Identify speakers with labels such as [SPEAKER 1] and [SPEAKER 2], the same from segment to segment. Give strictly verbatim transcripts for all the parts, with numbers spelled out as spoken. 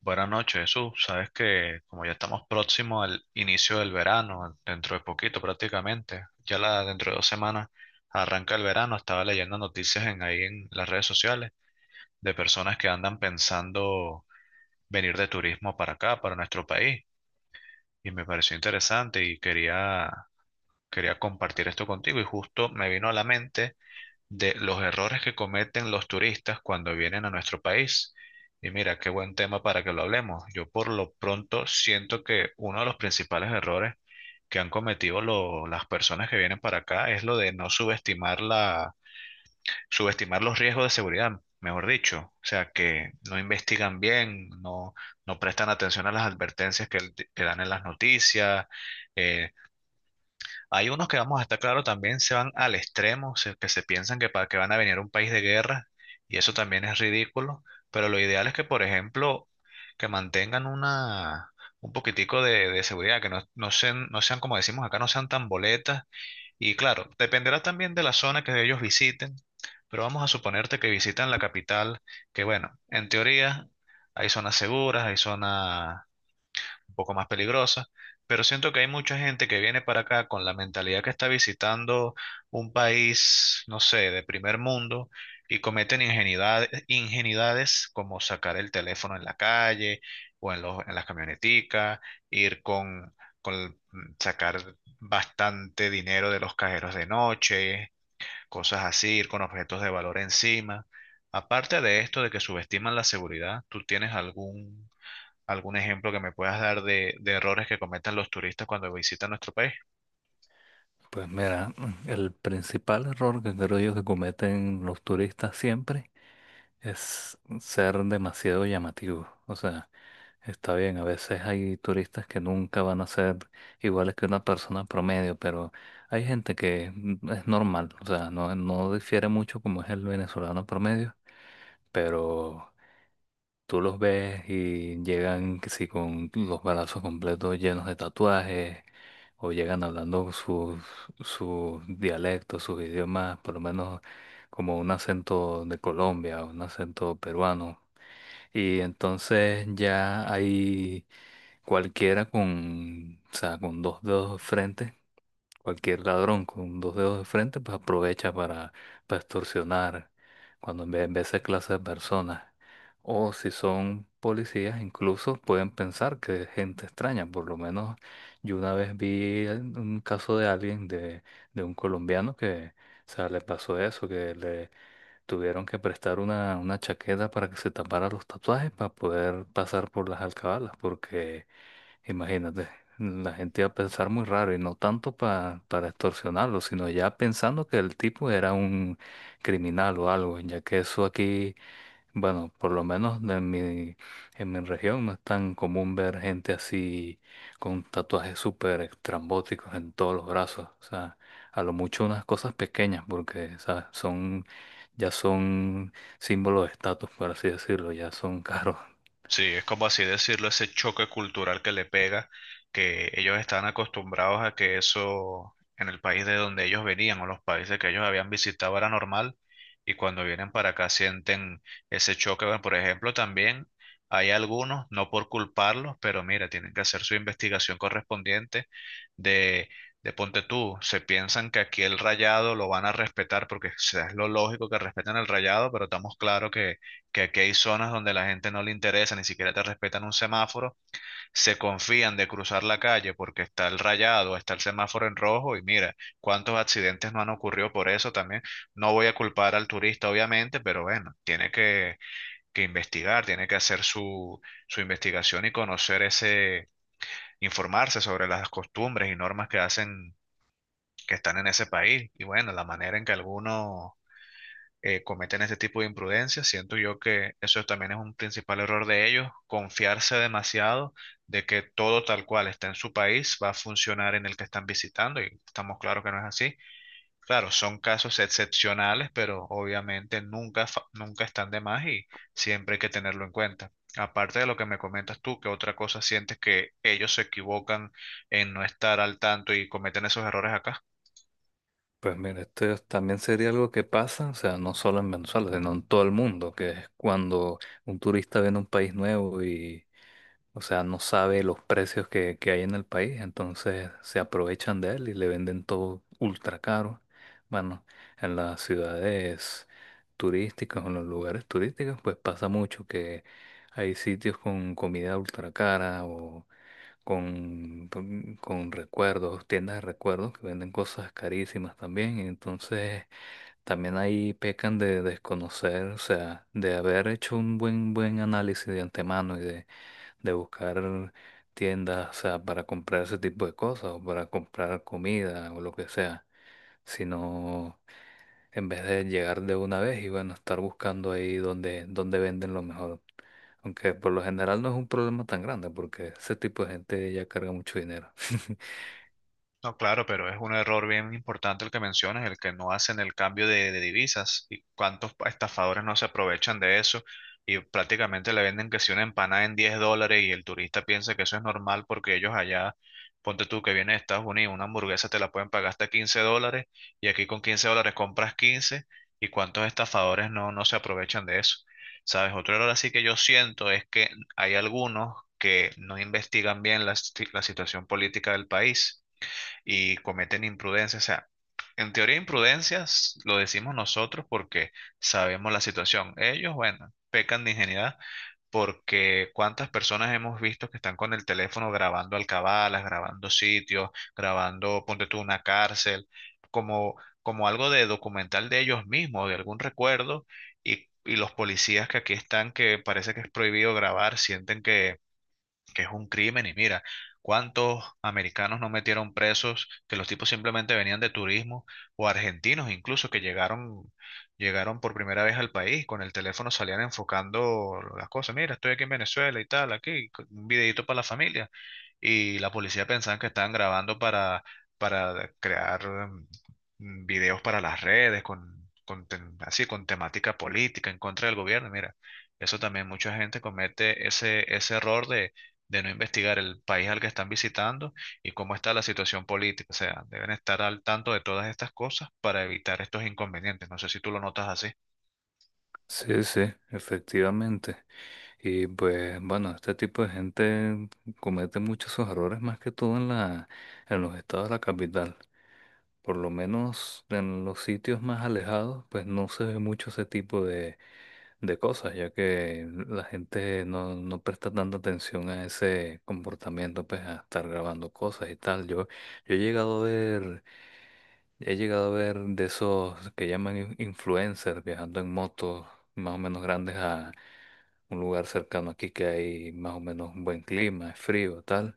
[SPEAKER 1] Buenas noches, Jesús. Sabes que como ya estamos próximos al inicio del verano, dentro de poquito prácticamente, ya la, dentro de dos semanas arranca el verano, estaba leyendo noticias en, ahí en las redes sociales de personas que andan pensando venir de turismo para acá, para nuestro país, y me pareció interesante y quería quería compartir esto contigo y justo me vino a la mente de los errores que cometen los turistas cuando vienen a nuestro país. Y mira, qué buen tema para que lo hablemos. Yo por lo pronto siento que uno de los principales errores que han cometido lo- las personas que vienen para acá es lo de no subestimar la, subestimar los riesgos de seguridad, mejor dicho. O sea, que no investigan bien, no, no prestan atención a las advertencias que, que dan en las noticias. eh, Hay unos que, vamos a estar claro, también se van al extremo, se- que se piensan que, para, que van a venir a un país de guerra, y eso también es ridículo, pero lo ideal es que, por ejemplo, que mantengan una, un poquitico de, de seguridad, que no, no sean, no sean, como decimos acá, no sean tan boletas. Y claro, dependerá también de la zona que ellos visiten, pero vamos a suponerte que visitan la capital, que, bueno, en teoría hay zonas seguras, hay zonas un poco más peligrosas, pero siento que hay mucha gente que viene para acá con la mentalidad que está visitando un país, no sé, de primer mundo, y cometen ingenuidades, ingenuidades como sacar el teléfono en la calle o en los, en las camioneticas, ir con, con mm, sacar bastante dinero de los cajeros de noche, cosas así, ir con objetos de valor encima. Aparte de esto de que subestiman la seguridad, ¿tú tienes algún algún ejemplo que me puedas dar de, de errores que cometan los turistas cuando visitan nuestro país?
[SPEAKER 2] Pues mira, mm, el principal error que creo yo que cometen los turistas siempre es ser demasiado llamativos. O sea, está bien, a veces hay turistas que nunca van a ser iguales que una persona promedio, pero hay gente que mm, es normal, o sea, no, no difiere mucho como es el venezolano promedio, pero Tú los ves y llegan que si con los balazos completos llenos de tatuajes o llegan hablando sus, sus dialectos, sus idiomas, por lo menos como un acento de Colombia, un acento peruano. Y entonces ya hay cualquiera con, o sea, con dos dedos frentes Cualquier ladrón con dos dedos de frente, pues aprovecha para, para extorsionar cuando ve, ve esa clase de personas. O si son policías, incluso pueden pensar que es gente extraña. Por lo menos yo una vez vi un caso de alguien, de, de un colombiano, que o sea, le pasó eso, que le, Tuvieron que prestar una, una chaqueta para que se tapara los tatuajes para poder pasar por las alcabalas, porque imagínate, la gente iba a pensar muy raro y no tanto pa- para extorsionarlo, sino ya pensando que el tipo era un criminal o algo, ya que eso aquí, bueno, por lo menos en mi, en mi región no es tan común ver gente así con tatuajes súper estrambóticos en todos los brazos, o sea, a lo mucho unas cosas pequeñas, porque, ¿sabes? Son ya son símbolos de estatus, por así decirlo, ya son caros.
[SPEAKER 1] Sí, es como así decirlo, ese choque cultural que le pega, que ellos estaban acostumbrados a que eso en el país de donde ellos venían o los países que ellos habían visitado era normal, y cuando vienen para acá sienten ese choque. Bueno, por ejemplo, también hay algunos, no por culparlos, pero mira, tienen que hacer su investigación correspondiente de, de ponte tú. Se piensan que aquí el rayado lo van a respetar porque, o sea, es lo lógico que respeten el rayado, pero estamos claros que aquí hay zonas donde la gente no le interesa, ni siquiera te respetan un semáforo, se confían de cruzar la calle porque está el rayado, está el semáforo en rojo, y mira, cuántos accidentes no han ocurrido por eso también. No voy a culpar al turista, obviamente, pero bueno, tiene que, que investigar, tiene que hacer su, su investigación y conocer ese, informarse sobre las costumbres y normas que hacen, que están en ese país. Y bueno, la manera en que algunos, eh, cometen ese tipo de imprudencias. Siento yo que eso también es un principal error de ellos, confiarse demasiado de que todo tal cual está en su país va a funcionar en el que están visitando, y estamos claros que no es así. Claro, son casos excepcionales, pero obviamente nunca, fa- nunca están de más, y siempre hay que tenerlo en cuenta. Aparte de lo que me comentas tú, ¿qué otra cosa sientes que ellos se equivocan en no estar al tanto y cometen esos errores acá?
[SPEAKER 2] Pues mira, esto es- también sería algo que pasa, o sea, no solo en Venezuela, sino en todo el mundo, que es cuando un turista viene a un país nuevo y, o sea, no sabe los precios que, que hay en el país, entonces se aprovechan de él y le venden todo ultra caro. Bueno, en las ciudades turísticas o en los lugares turísticos, pues pasa mucho que hay sitios con comida ultra cara o con, con con recuerdos, tiendas de recuerdos que venden cosas carísimas también. Entonces, también ahí pecan de desconocer, o sea, de haber hecho un buen, buen análisis de antemano y de, de buscar tiendas, o sea, para comprar ese tipo de cosas o para comprar comida o lo que sea, sino en vez de llegar de una vez y bueno, estar buscando ahí donde, donde venden lo mejor. Aunque por lo general no es un problema tan grande porque ese tipo de gente ya carga mucho dinero.
[SPEAKER 1] No, claro, pero es un error bien importante el que mencionas, el que no hacen el cambio de, de divisas. ¿Y cuántos pa- estafadores no se aprovechan de eso? Y prácticamente le venden que si una empanada en diez dólares, y el turista piensa que eso es normal porque ellos allá, ponte tú que vienes de Estados Unidos, una hamburguesa te la pueden pagar hasta quince dólares, y aquí con quince dólares compras quince, y cuántos estafadores no, no se aprovechan de eso. ¿Sabes? Otro error así que yo siento es que hay algunos que no investigan bien la, si- la situación política del país, y cometen imprudencias. O sea, en teoría imprudencias lo decimos nosotros porque sabemos la situación. Ellos, bueno, pecan de ingenuidad porque cuántas personas hemos visto que están con el teléfono grabando alcabalas, grabando sitios, grabando, ponte tú, una cárcel, como, como algo de documental de ellos mismos, de algún recuerdo, y, y los policías que aquí están, que parece que es prohibido grabar, sienten que que es un crimen, y mira, cuántos americanos no metieron presos, que los tipos simplemente venían de turismo, o argentinos incluso que llegaron, llegaron por primera vez al país, con el teléfono salían enfocando las cosas, mira, estoy aquí en Venezuela y tal, aquí, con un videito para la familia, y la policía pensaba que estaban grabando para, para crear, mm, videos para las redes, con, con tem- así, con temática política en contra del gobierno, mira. Eso también, mucha gente comete ese, ese error de, de no investigar el país al que están visitando y cómo está la situación política. O sea, deben estar al tanto de todas estas cosas para evitar estos inconvenientes. No sé si tú lo notas así.
[SPEAKER 2] Sí, sí, efectivamente. Y pues bueno, este tipo de gente comete muchos sus errores más que todo en la, en los estados de la capital. Por lo menos en los sitios más alejados, pues no se ve mucho ese tipo de, de cosas, ya que la gente no, no presta tanta atención a ese comportamiento, pues a estar grabando cosas y tal. Yo, yo he llegado a ver, he llegado a ver de esos que llaman in- influencers viajando en motos más o menos grandes a un lugar cercano aquí que hay más o menos un buen clima, es frío, tal.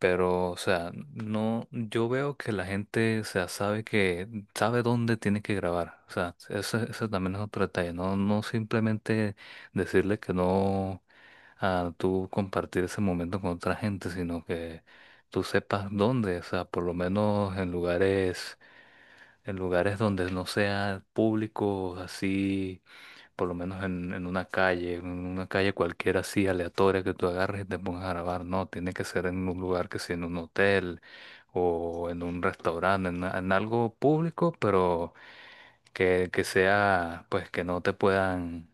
[SPEAKER 2] Pero, o sea, no, yo veo que la gente, o sea, sabe que, sabe dónde tiene que grabar. O sea, ese, ese también es otro detalle. No, no simplemente decirle que no a tú compartir ese momento con otra gente, sino que tú sepas dónde. O sea, por lo menos en lugares, en lugares donde no sea público, así, por lo menos en, en una calle, en una calle cualquiera así aleatoria que tú agarres y te pongas a grabar. No, tiene que ser en un lugar que sea en un hotel o en un restaurante, en, en algo público, pero que, que sea, pues que no te puedan,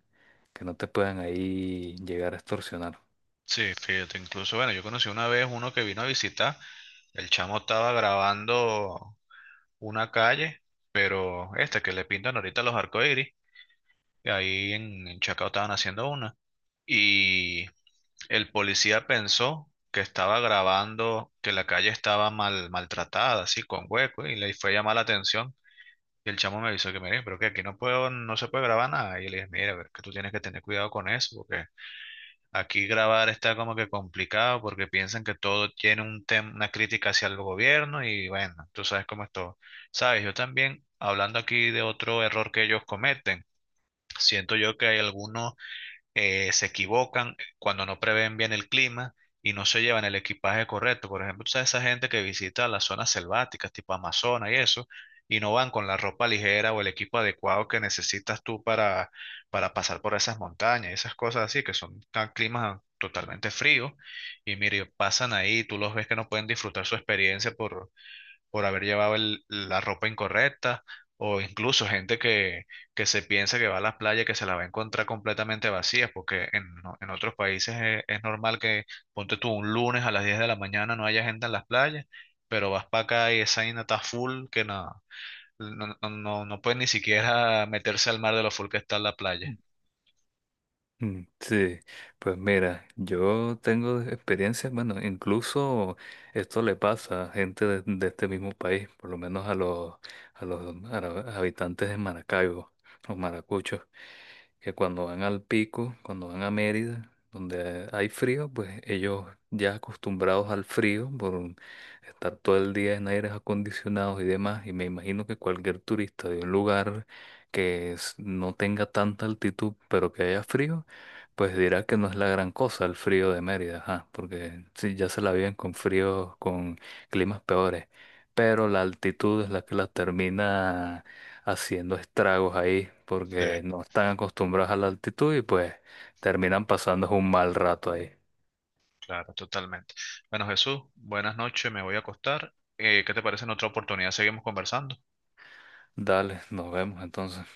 [SPEAKER 2] que no te puedan ahí llegar a extorsionar.
[SPEAKER 1] Sí, fíjate, incluso, bueno, yo conocí una vez uno que vino a visitar, el chamo estaba grabando una calle, pero esta que le pintan ahorita los arcoíris, que ahí en, en Chacao estaban haciendo una, y el policía pensó que estaba grabando que la calle estaba mal, maltratada, así, con hueco, y le fue a llamar la atención. Y el chamo me avisó que, mire, pero que aquí no puedo, no se puede grabar nada. Y yo le dije, mira, pero es que tú tienes que tener cuidado con eso, porque aquí grabar está como que complicado, porque piensan que todo tiene un tem- una crítica hacia el gobierno, y bueno, tú sabes cómo es todo. Sabes, yo también, hablando aquí de otro error que ellos cometen, siento yo que hay algunos, eh, se equivocan cuando no prevén bien el clima y no se llevan el equipaje correcto. Por ejemplo, tú sabes esa gente que visita las zonas selváticas, tipo Amazonas y eso, y no van con la ropa ligera o el equipo adecuado que necesitas tú para, para pasar por esas montañas, esas cosas así, que son tan climas totalmente fríos. Y mire, pasan ahí, tú los ves que no pueden disfrutar su experiencia por por haber llevado el- la ropa incorrecta, o incluso gente que, que se piensa que va a las playas que se la va a encontrar completamente vacías, porque en, en otros países es, es normal que, ponte tú, un lunes a las diez de la mañana no haya gente en las playas, pero vas para acá y esa vaina está full que no, no, no, no, no pueden ni siquiera meterse al mar de lo full que está la playa.
[SPEAKER 2] Mm, sí, pues mira, yo tengo experiencias, bueno, incluso esto le pasa a gente de, de este mismo país, por lo menos a los, a los ara- habitantes de Maracaibo, los maracuchos, que cuando van al pico, cuando van a Mérida, donde hay frío, pues ellos ya acostumbrados al frío por un- estar todo el día en aires acondicionados y demás, y me imagino que cualquier turista de un lugar que es- no tenga tanta altitud, pero que haya frío, pues dirá que no es la gran cosa el frío de Mérida, ajá, porque sí, ya se la viven con fríos, con climas peores, pero la altitud es la que la termina haciendo estragos ahí,
[SPEAKER 1] Sí,
[SPEAKER 2] porque no están acostumbrados a la altitud y pues terminan pasando un mal rato ahí.
[SPEAKER 1] claro, totalmente. Bueno, Jesús, buenas noches, me voy a acostar. Eh, ¿qué te parece en otra oportunidad? Seguimos conversando.
[SPEAKER 2] Dale, nos vemos entonces.